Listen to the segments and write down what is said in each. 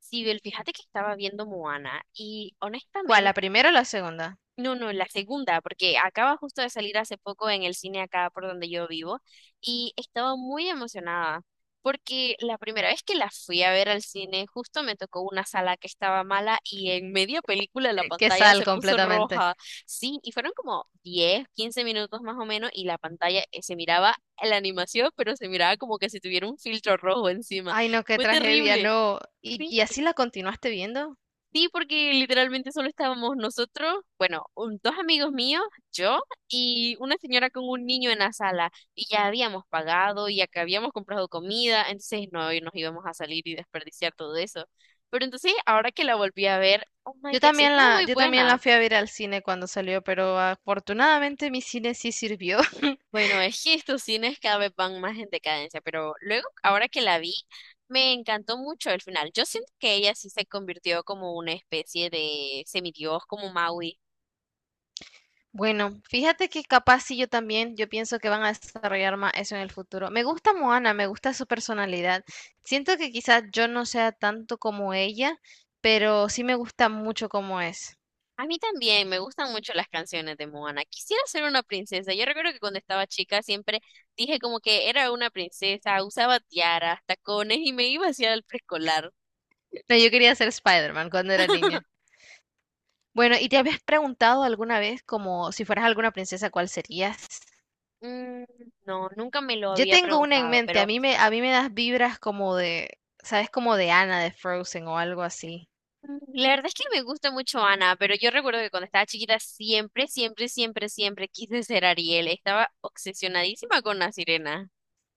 Sibel, fíjate que estaba viendo Moana y ¿Cuál? ¿La honestamente, primera o la segunda? no, no, la segunda, porque acaba justo de salir hace poco en el cine acá por donde yo vivo y estaba muy emocionada porque la primera vez que la fui a ver al cine justo me tocó una sala que estaba mala y en media película la Que pantalla sal se puso completamente. roja. Sí, y fueron como 10 15 minutos más o menos y la pantalla se miraba la animación, pero se miraba como que si tuviera un filtro rojo encima. Ay, no, qué Fue tragedia, terrible. no. ¿Y, Sí. Así la continuaste viendo? Sí, porque literalmente solo estábamos nosotros, bueno, dos amigos míos, yo y una señora con un niño en la sala. Y ya habíamos pagado, y acá habíamos comprado comida, entonces no y nos íbamos a salir y desperdiciar todo eso. Pero entonces, ahora que la volví a ver, oh my gosh, estuvo muy Yo también buena. la fui a ver al cine cuando salió, pero afortunadamente mi cine sí sirvió. Bueno, es que estos cines cada vez van más en decadencia, pero luego, ahora que la vi, me encantó mucho el final. Yo siento que ella sí se convirtió como una especie de semidios, como Maui. Bueno, fíjate que capaz sí yo también, yo pienso que van a desarrollar más eso en el futuro. Me gusta Moana, me gusta su personalidad. Siento que quizás yo no sea tanto como ella, pero sí me gusta mucho como es. A mí también me gustan mucho las canciones de Moana. Quisiera ser una princesa. Yo recuerdo que cuando estaba chica siempre dije como que era una princesa, usaba tiaras, tacones y me iba hacia el preescolar. No, yo quería ser Spider-Man cuando era niña. Bueno, ¿y te habías preguntado alguna vez como si fueras alguna princesa, cuál serías? Mm, no, nunca me lo Yo había tengo una en preguntado, mente, pero a mí me das vibras como de, ¿sabes? Como de Anna de Frozen o algo así. La verdad es que me gusta mucho Ana, pero yo recuerdo que cuando estaba chiquita siempre, siempre, siempre, siempre quise ser Ariel. Estaba obsesionadísima con la sirena.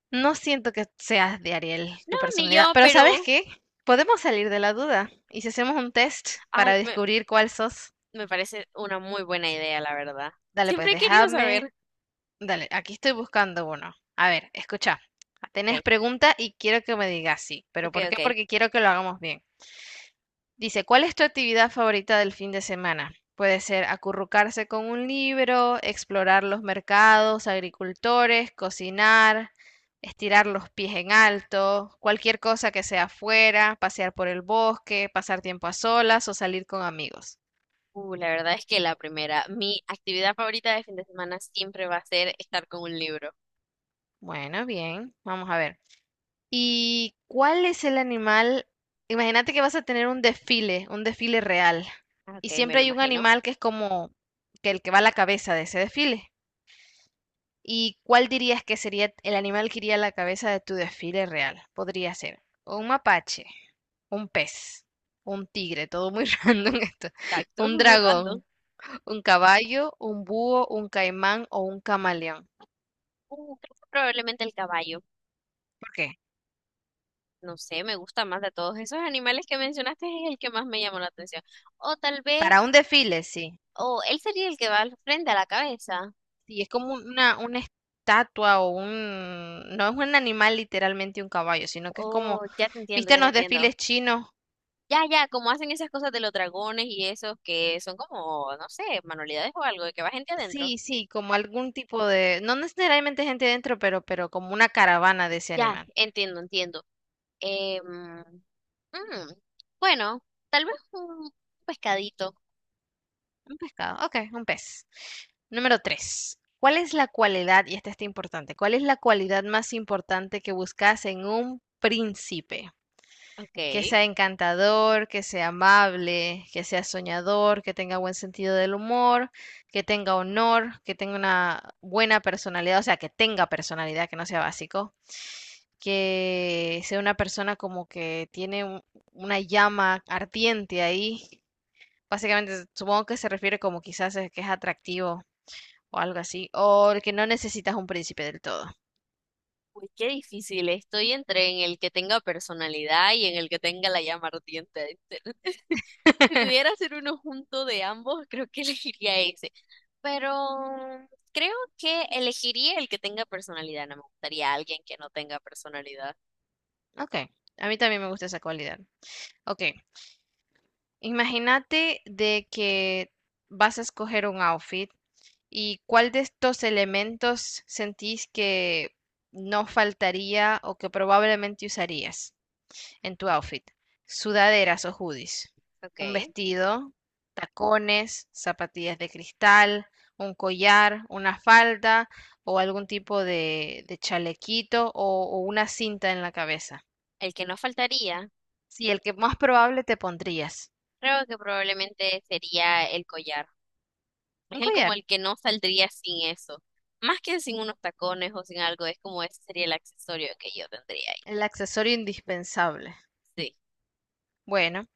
No siento que seas de Ariel, No, tu ni personalidad, yo, pero ¿sabes pero qué? Podemos salir de la duda y si hacemos un test para ay, descubrir cuál sos, me parece una muy buena idea, la verdad. dale pues Siempre he querido déjame, saber. dale, aquí estoy buscando uno. A ver, escucha, Ok. tenés pregunta y quiero que me digas sí, pero Ok, ¿por qué? ok. Porque quiero que lo hagamos bien. Dice, ¿cuál es tu actividad favorita del fin de semana? Puede ser acurrucarse con un libro, explorar los mercados, agricultores, cocinar, estirar los pies en alto, cualquier cosa que sea afuera, pasear por el bosque, pasar tiempo a solas o salir con amigos. La verdad es que la primera, mi actividad favorita de fin de semana siempre va a ser estar con un libro. Bueno, bien, vamos a ver. ¿Y cuál es el animal? Imagínate que vas a tener un desfile real, Ah, y ok, me siempre lo hay un imagino. animal que es como que el que va a la cabeza de ese desfile. ¿Y cuál dirías que sería el animal que iría a la cabeza de tu desfile real? Podría ser un mapache, un pez, un tigre, todo muy random esto, Tacto, un muy random. dragón, un caballo, un búho, un caimán o un camaleón. Creo que probablemente el caballo. ¿Por qué? No sé, me gusta más de todos esos animales que mencionaste, es el que más me llamó la atención. O tal vez, Para un desfile, sí. o él sería el que va al frente a la cabeza. Sí, es como una estatua o un No es un animal literalmente un caballo, sino que es Oh, como, ya te entiendo, ¿viste ya en te los entiendo. desfiles chinos? Ya, ya, como hacen esas cosas de los dragones y esos que son como, no sé, manualidades o algo, de que va gente adentro. Sí, sí, como algún tipo de, no necesariamente gente dentro, pero como una caravana de ese Ya, animal. entiendo, entiendo. Em, Mm, bueno, tal vez un pescadito. Un pescado, ok, un pez. Número tres. ¿Cuál es la cualidad, y esta está importante, cuál es la cualidad más importante que buscas en un príncipe? Que Ok. sea encantador, que sea amable, que sea soñador, que tenga buen sentido del humor, que tenga honor, que tenga una buena personalidad, o sea, que tenga personalidad, que no sea básico, que sea una persona como que tiene una llama ardiente ahí. Básicamente, supongo que se refiere como quizás es que es atractivo o algo así, o el que no necesitas un príncipe del todo. Uy, qué difícil. Estoy entre en el que tenga personalidad y en el que tenga la llama ardiente. Si pudiera hacer uno junto de ambos, creo que elegiría ese. Pero creo que elegiría el que tenga personalidad. No me gustaría alguien que no tenga personalidad. Ok, a mí también me gusta esa cualidad. Ok. Imagínate de que vas a escoger un outfit y cuál de estos elementos sentís que no faltaría o que probablemente usarías en tu outfit. Sudaderas o hoodies, Ok. un vestido, tacones, zapatillas de cristal, un collar, una falda o algún tipo de chalequito o una cinta en la cabeza. El que no faltaría, Sí, el que más probable te pondrías. creo que probablemente sería el collar. Es Un el como collar. el que no saldría sin eso. Más que sin unos tacones o sin algo, es como ese sería el accesorio que yo tendría ahí. El accesorio indispensable. Sí. Bueno,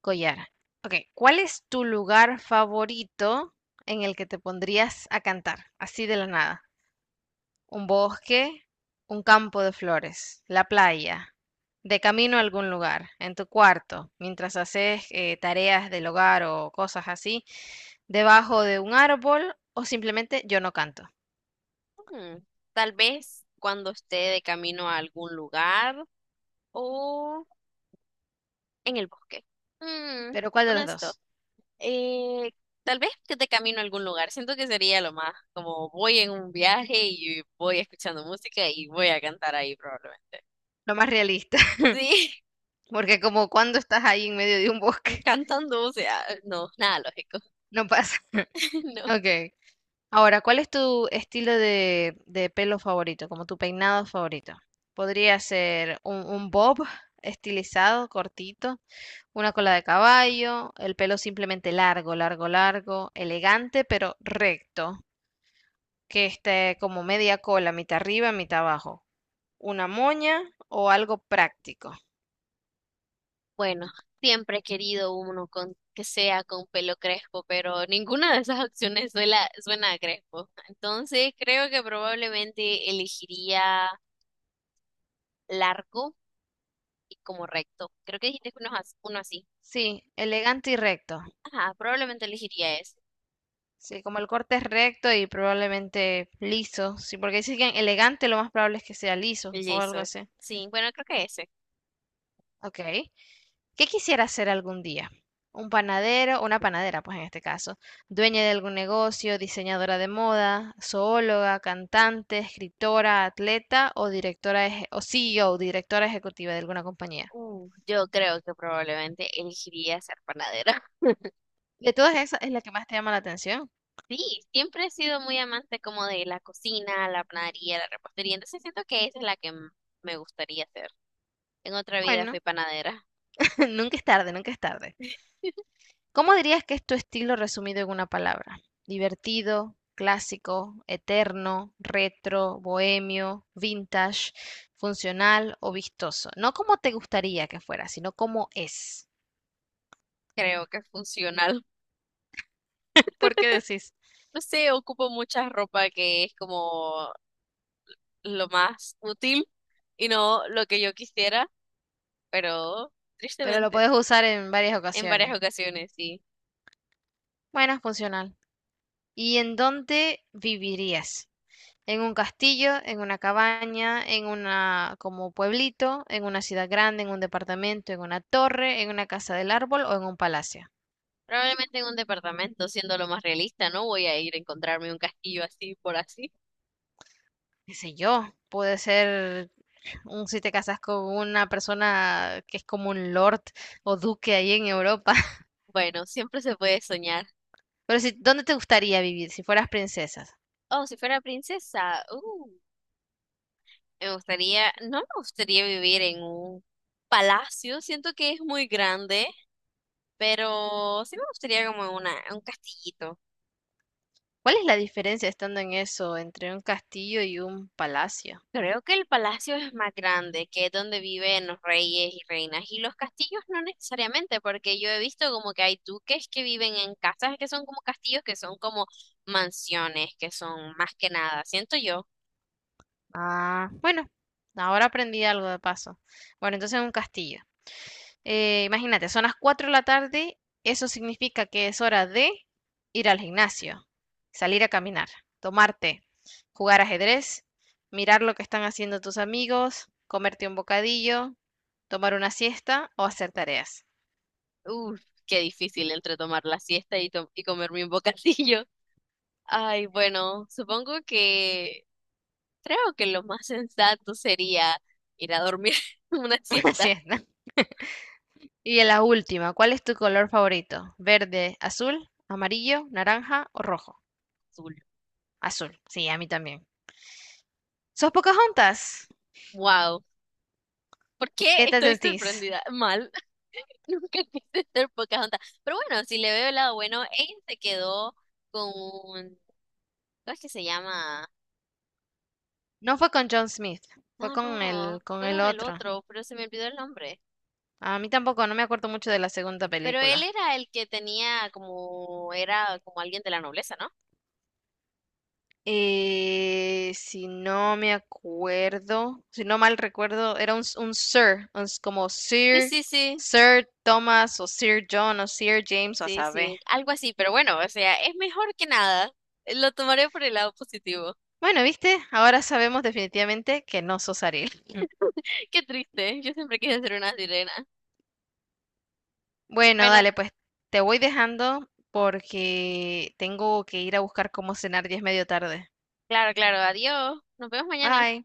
collar. Ok, ¿cuál es tu lugar favorito en el que te pondrías a cantar? Así de la nada. ¿Un bosque? ¿Un campo de flores? ¿La playa? ¿De camino a algún lugar? ¿En tu cuarto? ¿Mientras haces tareas del hogar o cosas así? ¿Debajo de un árbol? ¿O simplemente yo no canto? Mm, tal vez cuando esté de camino a algún lugar o en el bosque. Mm, Pero ¿cuál de Bueno, los esto. dos? Eh, tal vez que de camino a algún lugar. Siento que sería lo más como voy en un viaje y voy escuchando música y voy a cantar ahí probablemente. Lo más realista, Sí, porque como cuando estás ahí en medio de un bosque, cantando, o sea, no, nada lógico. no pasa. No. Ok. Ahora, ¿cuál es tu estilo de pelo favorito, como tu peinado favorito? Podría ser un bob estilizado, cortito, una cola de caballo, el pelo simplemente largo, largo, largo, elegante, pero recto, que esté como media cola, mitad arriba, mitad abajo, una moña o algo práctico. Bueno, siempre he querido uno con, que sea con pelo crespo, pero ninguna de esas opciones suena a crespo. Entonces creo que probablemente elegiría largo y como recto. Creo que dijiste que uno, uno así. Sí, elegante y recto. Ajá, probablemente elegiría ese, Sí, como el corte es recto y probablemente liso. Sí, porque dicen que elegante lo más probable es que sea liso el o algo Jason. así. Sí, bueno, creo que ese. Ok. ¿Qué quisiera ser algún día? Un panadero, una panadera, pues en este caso, dueña de algún negocio, diseñadora de moda, zoóloga, cantante, escritora, atleta o o CEO, directora ejecutiva de alguna compañía. Yo creo que probablemente elegiría ser panadera. De todas esas es la que más te llama la atención. Sí, siempre he sido muy amante como de la cocina, la panadería, la repostería, entonces siento que esa es la que me gustaría hacer. En otra vida Bueno, fui panadera. nunca es tarde, nunca es tarde. ¿Cómo dirías que es tu estilo resumido en una palabra? Divertido, clásico, eterno, retro, bohemio, vintage, funcional o vistoso. No como te gustaría que fuera, sino como es. Creo que es funcional. ¿Por qué decís? No sé, ocupo mucha ropa que es como lo más útil y no lo que yo quisiera, pero Pero lo tristemente, puedes usar en varias en varias ocasiones. ocasiones, sí. Bueno, funcional. ¿Y en dónde vivirías? ¿En un castillo, en una cabaña, en una como pueblito, en una ciudad grande, en un departamento, en una torre, en una casa del árbol o en un palacio? Probablemente en un departamento, siendo lo más realista, no voy a ir a encontrarme un castillo así por así. Qué sé yo, puede ser un si te casas con una persona que es como un lord o duque ahí en Europa. Bueno, siempre se puede soñar. Pero si, ¿dónde te gustaría vivir si fueras princesa? Oh, si fuera princesa, me gustaría, no me gustaría vivir en un palacio, siento que es muy grande. Pero sí me gustaría como una, un castillito. ¿Cuál es la diferencia estando en eso entre un castillo y un palacio? Creo que el palacio es más grande, que es donde viven los reyes y reinas. Y los castillos no necesariamente, porque yo he visto como que hay duques que viven en casas que son como castillos, que son como mansiones, que son más que nada. Siento yo, Ah, bueno, ahora aprendí algo de paso. Bueno, entonces un castillo. Imagínate, son las 4 de la tarde, eso significa que es hora de ir al gimnasio, salir a caminar, tomarte, jugar ajedrez, mirar lo que están haciendo tus amigos, comerte un bocadillo, tomar una siesta o hacer tareas. uff, qué difícil entre tomar la siesta y, y comerme un bocadillo. Ay, bueno, supongo que creo que lo más sensato sería ir a dormir una Una siesta siesta. Y en la última, ¿cuál es tu color favorito? ¿Verde, azul, amarillo, naranja o rojo? azul. Azul, sí, a mí también. ¿Sos juntas? Wow. ¿Por qué ¿Qué te estoy sentís? sorprendida? Mal, nunca quise ser Pocahontas. Pero bueno, si le veo el lado bueno, ella se quedó con, ¿cómo es que se llama? No fue con John Smith, fue No, no, con fue el con el otro. otro, pero se me olvidó el nombre. A mí tampoco, no me acuerdo mucho de la segunda Pero él película. era el que tenía como, era como alguien de la nobleza, ¿no? Si no me acuerdo, si no mal recuerdo, era un Sir, como Sí, Sir, sí, sí, Sir Thomas o Sir John o Sir James o a sí, saber. sí, algo así, pero bueno, o sea, es mejor que nada. Lo tomaré por el lado positivo. Bueno, viste, ahora sabemos definitivamente que no sos Ariel. Qué triste, yo siempre quise ser una sirena. Bueno, Bueno, dale, pues te voy dejando porque tengo que ir a buscar cómo cenar y es medio tarde. claro, claro, adiós, nos vemos mañana. Bye.